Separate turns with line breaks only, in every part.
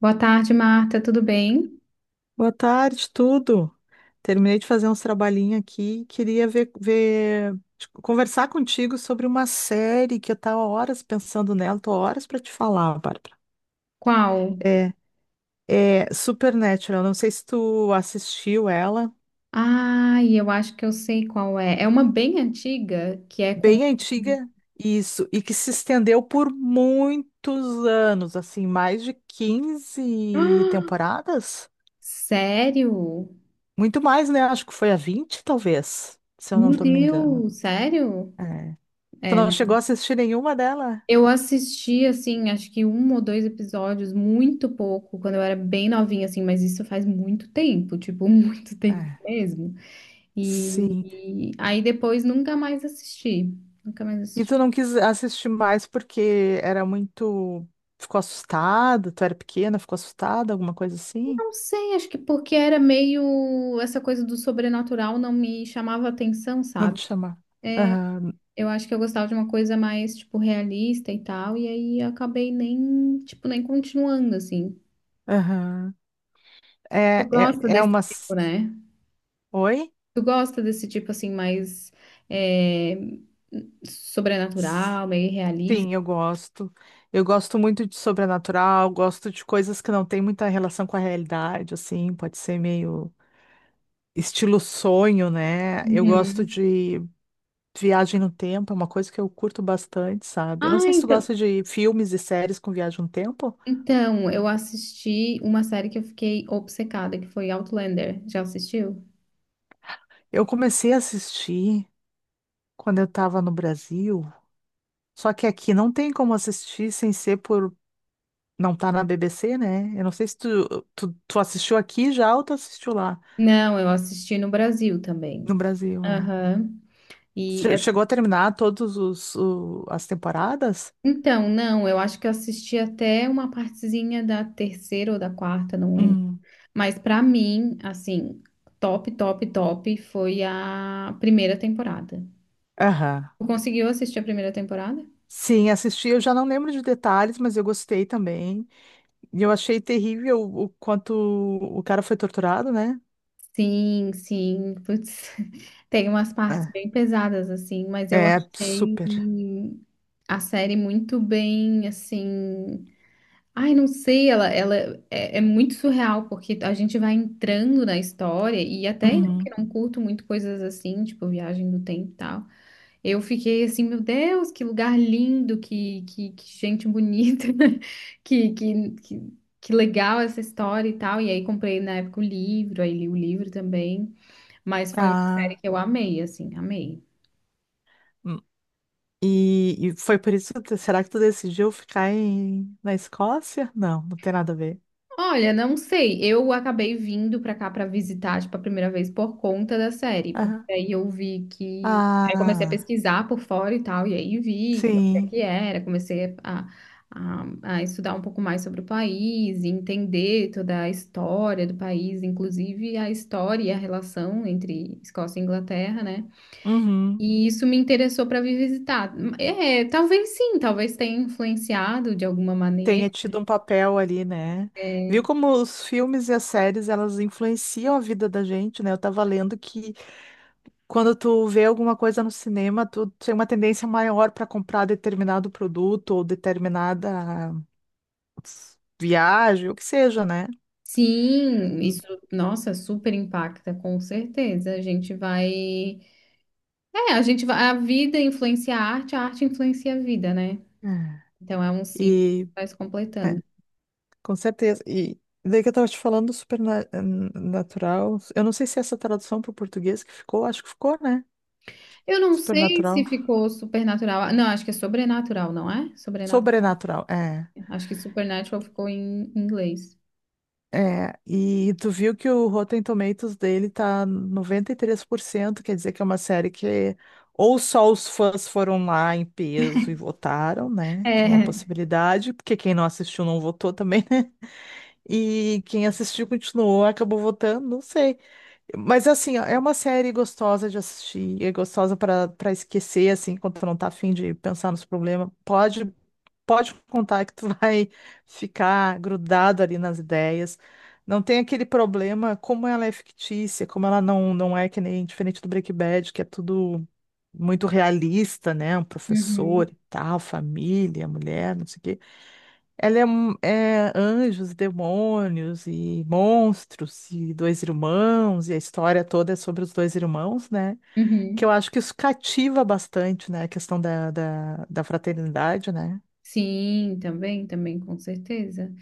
Boa tarde, Marta. Tudo bem?
Boa tarde, tudo. Terminei de fazer uns trabalhinhos aqui e queria conversar contigo sobre uma série que eu estava horas pensando nela. Tô horas para te falar, Bárbara.
Qual?
É, é Supernatural. Não sei se tu assistiu ela.
Ai, eu acho que eu sei qual é. É uma bem antiga que é com.
Bem antiga, isso. E que se estendeu por muitos anos, assim, mais de quinze
Ah,
temporadas?
sério?
Muito mais, né? Acho que foi a 20, talvez, se eu não
Meu
tô me engano.
Deus, sério?
É. Tu
É,
não chegou
não.
a assistir nenhuma dela?
Eu assisti, assim, acho que um ou dois episódios, muito pouco, quando eu era bem novinha, assim, mas isso faz muito tempo, tipo, muito tempo
É,
mesmo. E,
sim.
e aí depois nunca mais assisti. Nunca mais
E
assisti.
tu não quis assistir mais porque era muito. Ficou assustada? Tu era pequena, ficou assustada, alguma coisa assim?
Não sei, acho que porque era meio essa coisa do sobrenatural não me chamava atenção,
Não
sabe?
te chamar. Aham,
Eu acho que eu gostava de uma coisa mais, tipo, realista e tal, e aí eu acabei nem, tipo, nem continuando, assim.
aham. É,
Tu
é,
gosta
é
desse tipo,
umas.
né?
Oi?
Tu gosta desse tipo, assim, mais é,
S-
sobrenatural, meio realista?
Sim, eu gosto. Eu gosto muito de sobrenatural, gosto de coisas que não têm muita relação com a realidade, assim, pode ser meio estilo sonho, né? Eu gosto
Uhum.
de viagem no tempo é uma coisa que eu curto bastante, sabe? Eu não
Ah,
sei se tu
então.
gosta de filmes e séries com viagem no tempo.
Então, eu assisti uma série que eu fiquei obcecada, que foi Outlander. Já assistiu?
Eu comecei a assistir quando eu tava no Brasil, só que aqui não tem como assistir sem ser por não tá na BBC, né? Eu não sei se tu assistiu aqui já ou tu assistiu lá
Não, eu assisti no Brasil
no
também.
Brasil, é.
Aham. E é-
Chegou a terminar todos as temporadas?
então, não, eu acho que eu assisti até uma partezinha da terceira ou da quarta, não lembro.
Hum.
Mas pra mim, assim, top, top, top foi a primeira temporada.
Aham.
Tu conseguiu assistir a primeira temporada?
Sim, assisti, eu já não lembro de detalhes, mas eu gostei também. E eu achei terrível o quanto o cara foi torturado, né?
Sim, sim. Putz, tem umas partes bem pesadas assim, mas
É,
eu
é
achei
super.
a série muito bem, assim. Ai, não sei, ela é, é muito surreal, porque a gente vai entrando na história, e até eu que
Uhum.
não curto muito coisas assim, tipo viagem do tempo e tal, eu fiquei assim, meu Deus, que lugar lindo, que gente bonita, que legal essa história e tal. E aí comprei na época o livro, aí li o livro também, mas foi uma série
Ah,
que eu amei, assim, amei.
hum. E foi por isso, será que tu decidiu ficar na Escócia? Não, não tem nada a ver.
Olha, não sei. Eu acabei vindo pra cá pra visitar, tipo, a primeira vez por conta da série, porque
Aham.
aí eu vi que aí comecei a
Ah,
pesquisar por fora e tal, e aí vi que o
sim,
que era, comecei a, a, a estudar um pouco mais sobre o país, e entender toda a história do país, inclusive a história e a relação entre Escócia e Inglaterra, né?
uhum.
E isso me interessou pra vir visitar. É, talvez sim, talvez tenha influenciado de alguma
Tenha
maneira.
tido um papel ali, né?
É,
Viu como os filmes e as séries, elas influenciam a vida da gente, né? Eu tava lendo que quando tu vê alguma coisa no cinema, tu tem uma tendência maior para comprar determinado produto ou determinada viagem, o que seja, né?
Sim, isso, nossa, super impacta, com certeza. A gente vai. É, a gente vai. A vida influencia a arte influencia a vida, né?
É.
Então é um ciclo
E,
que vai se
é,
completando.
com certeza. E daí que eu tava te falando do supernatural. Eu não sei se essa tradução para o português que ficou, acho que ficou, né?
Eu não sei se
Supernatural.
ficou supernatural. Não, acho que é sobrenatural, não é? Sobrenatural.
Sobrenatural, é.
Acho que supernatural ficou em inglês.
É, e tu viu que o Rotten Tomatoes dele tá 93% quer dizer que é uma série que ou só os fãs foram lá em peso e votaram, né? Que é uma
É.
possibilidade, porque quem não assistiu não votou também, né? E quem assistiu continuou, acabou votando, não sei. Mas assim, ó, é uma série gostosa de assistir, é gostosa para esquecer, assim, quando tu não tá afim de pensar nos problemas. Pode contar que tu vai ficar grudado ali nas ideias. Não tem aquele problema, como ela é fictícia, como ela não é que nem diferente do Breaking Bad, que é tudo muito realista, né? Um
Uhum,
professor e tal, família, mulher, não sei o quê. Ela é, é anjos, demônios e monstros e dois irmãos, e a história toda é sobre os dois irmãos, né? Que eu
uhum.
acho que isso cativa bastante, né? A questão da fraternidade, né?
Sim, também, também, com certeza.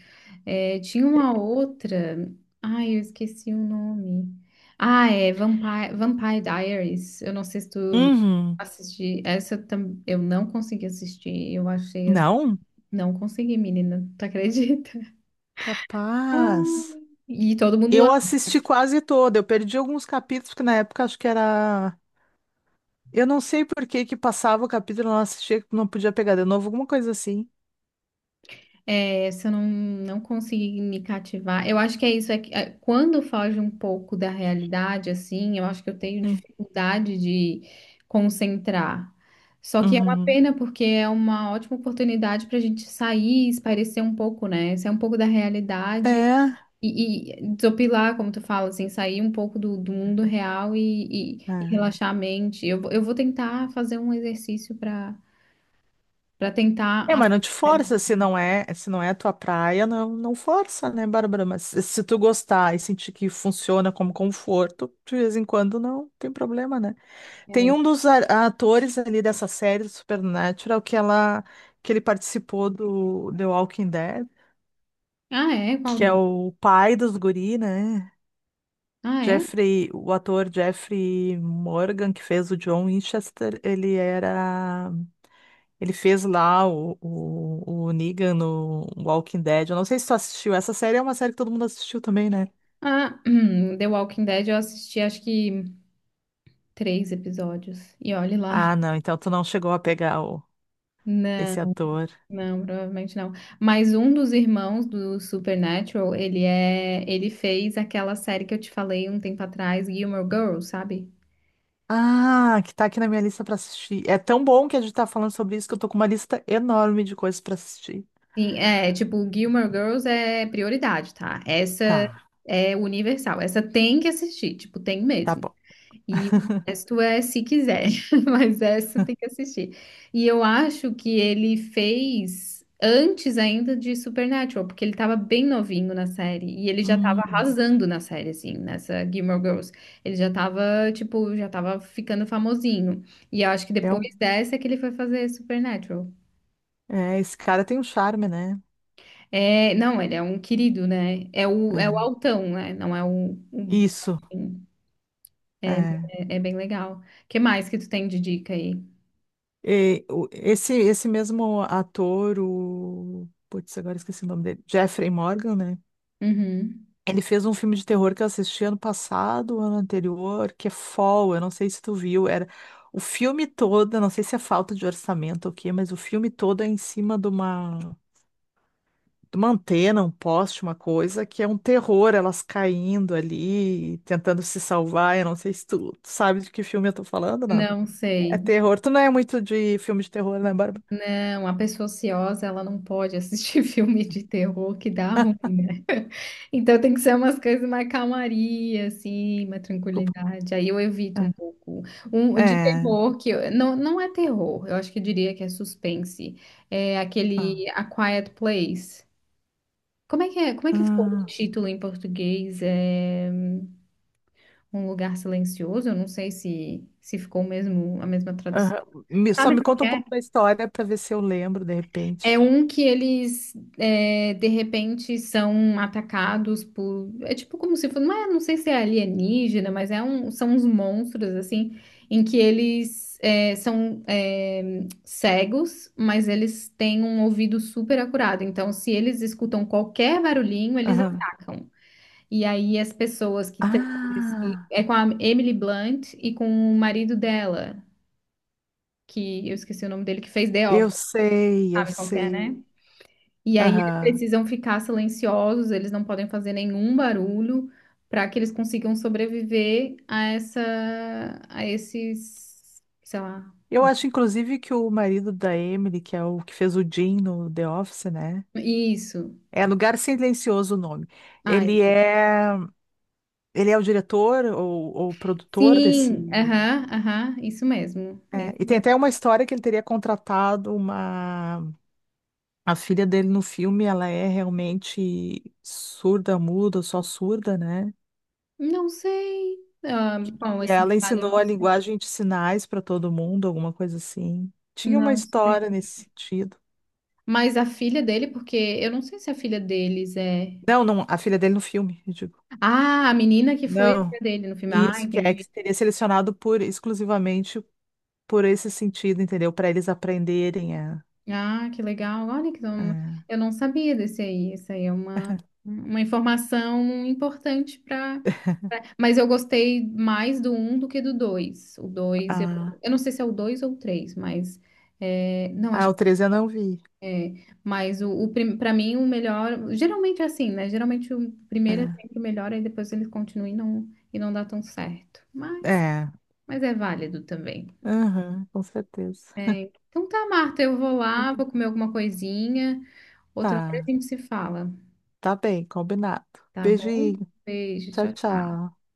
É, tinha uma outra. Ai, eu esqueci o nome. Ah, é Vampire Diaries. Eu não sei se tu
Uhum.
assisti. Eu não consegui assistir. Eu achei assim.
Não?
Não consegui, menina. Tu acredita? Ah,
Capaz.
e todo mundo
Eu assisti quase toda. Eu perdi alguns capítulos, porque na época acho que era. Eu não sei por que que passava o capítulo, eu não assistia, não podia pegar de novo, alguma coisa assim.
é, se eu não conseguir me cativar, eu acho que é isso, é que é, quando foge um pouco da realidade, assim, eu acho que eu tenho
Hum.
dificuldade de concentrar. Só que é uma
Uhum.
pena, porque é uma ótima oportunidade para a gente sair, espairecer um pouco, né? Sair um pouco da realidade
É.
e desopilar, como tu fala, assim, sair um pouco do mundo real e, e
É,
relaxar a mente. Eu vou tentar fazer um exercício para para tentar
É, mas não te
assistir séries.
força, se não é a tua praia, não, não força, né, Bárbara? Mas se tu gostar e sentir que funciona como conforto, de vez em quando não tem problema, né? Tem
É.
um dos atores ali dessa série do Supernatural que ele participou do The Walking Dead,
Ah, é? Qual
que é
deles?
o pai dos guri, né?
Ah, é?
Jeffrey, o ator Jeffrey Morgan, que fez o John Winchester, ele era. Ele fez lá o Negan no Walking Dead. Eu não sei se tu assistiu. Essa série é uma série que todo mundo assistiu também, né?
Ah, The Walking Dead eu assisti acho que três episódios. E olhe lá.
Ah, não, então tu não chegou a pegar
Não,
esse ator.
não, provavelmente não. Mas um dos irmãos do Supernatural, ele é, ele fez aquela série que eu te falei um tempo atrás, Gilmore Girls, sabe?
Ah, que tá aqui na minha lista pra assistir. É tão bom que a gente tá falando sobre isso que eu tô com uma lista enorme de coisas pra assistir.
Sim, é, tipo, Gilmore Girls é prioridade, tá? Essa
Tá,
é universal. Essa tem que assistir, tipo, tem
tá
mesmo.
bom.
E o resto é se quiser, mas essa tem que assistir. E eu acho que ele fez antes ainda de Supernatural, porque ele tava bem novinho na série e ele já tava
Hum,
arrasando na série, assim, nessa Gilmore Girls. Ele já tava, tipo, já tava ficando famosinho. E eu acho que
é um,
depois dessa é que ele foi fazer Supernatural.
é, esse cara tem um charme, né?
É, não, ele é um querido, né? É o
É,
altão, né? Não é o-
isso, é.
é, é bem legal. O que mais que tu tem de dica aí?
E esse mesmo ator, o... Putz, agora esqueci o nome dele. Jeffrey Morgan, né?
Uhum.
Ele fez um filme de terror que eu assisti ano passado, ano anterior, que é Fall, eu não sei se tu viu, era o filme todo, eu não sei se é falta de orçamento ou o quê, mas o filme todo é em cima de uma antena, um poste, uma coisa, que é um terror, elas caindo ali, tentando se salvar, eu não sei se tu sabe de que filme eu tô falando, não.
Não
É
sei.
terror, tu não é muito de filme de terror, né, Bárbara?
Não, a pessoa ociosa, ela não pode assistir filme de terror que dá ruim, né? Então tem que ser umas coisas mais calmaria, assim, uma
Desculpa.
tranquilidade. Aí eu evito um pouco. Um
É.
de
É.
terror que não, não é terror, eu acho que eu diria que é suspense. É
Ah.
aquele A Quiet Place. Como é que é? Como é que ficou o
Ah.
título em português? É Um Lugar Silencioso? Eu não sei se ficou o mesmo a mesma
Aham.
tradução.
Só
Sabe
me
qual
conta
que
um
é?
pouco da história para ver se eu lembro de
É
repente.
um que eles, é, de repente, são atacados por. É tipo como se fosse. Não é, não sei se é alienígena, mas é um, são uns monstros, assim, em que eles é, são é, cegos, mas eles têm um ouvido super acurado. Então, se eles escutam qualquer barulhinho, eles
Aham.
atacam. E aí, as pessoas que têm.
Ah,
É com a Emily Blunt e com o marido dela, que eu esqueci o nome dele, que fez The Office,
eu sei, eu
sabe qual que é, né?
sei.
E aí eles
Aham.
precisam ficar silenciosos, eles não podem fazer nenhum barulho para que eles consigam sobreviver a essa, a esses, sei lá.
Eu acho, inclusive, que o marido da Emily, que é o que fez o Jim no The Office, né?
Isso.
É Lugar Silencioso o nome.
Ah,
Ele
isso.
é. Ele é o diretor ou produtor desse.
Sim, aham, aham, isso mesmo. É
É,
isso
e tem
mesmo.
até uma história que ele teria contratado uma. A filha dele no filme, ela é realmente surda, muda, só surda, né?
Não sei. Ah, bom,
E
esse
ela
detalhe eu
ensinou
não
a
sei.
linguagem de sinais para todo mundo, alguma coisa assim. Tinha uma
Não sei.
história nesse sentido.
Mas a filha dele, porque eu não sei se a filha deles é.
Não, não, a filha dele no filme, eu digo.
Ah, a menina que foi a filha
Não.
dele no filme. Ah,
Isso que é
entendi.
que teria selecionado por exclusivamente por esse sentido, entendeu? Para eles aprenderem a.
Ah, que legal. Olha que
a...
eu não sabia desse aí. Isso aí é uma informação importante para. Mas eu gostei mais do um do que do 2. O 2
a-
eu não sei se é o 2 ou o 3, mas. É, não,
Ah,
acho
o
que.
13 eu não vi.
Mas o para mim, o melhor. Geralmente é assim, né? Geralmente o primeiro é
É,
sempre o melhor, e depois eles continuam e não dá tão certo.
é,
Mas é válido também.
aham, com certeza.
Então tá, Marta, eu vou lá, vou comer alguma coisinha. Outra hora
Tá,
a gente se fala.
tá bem, combinado.
Tá bom?
Beijinho,
Beijo,
tchau,
tchau, tchau.
tchau.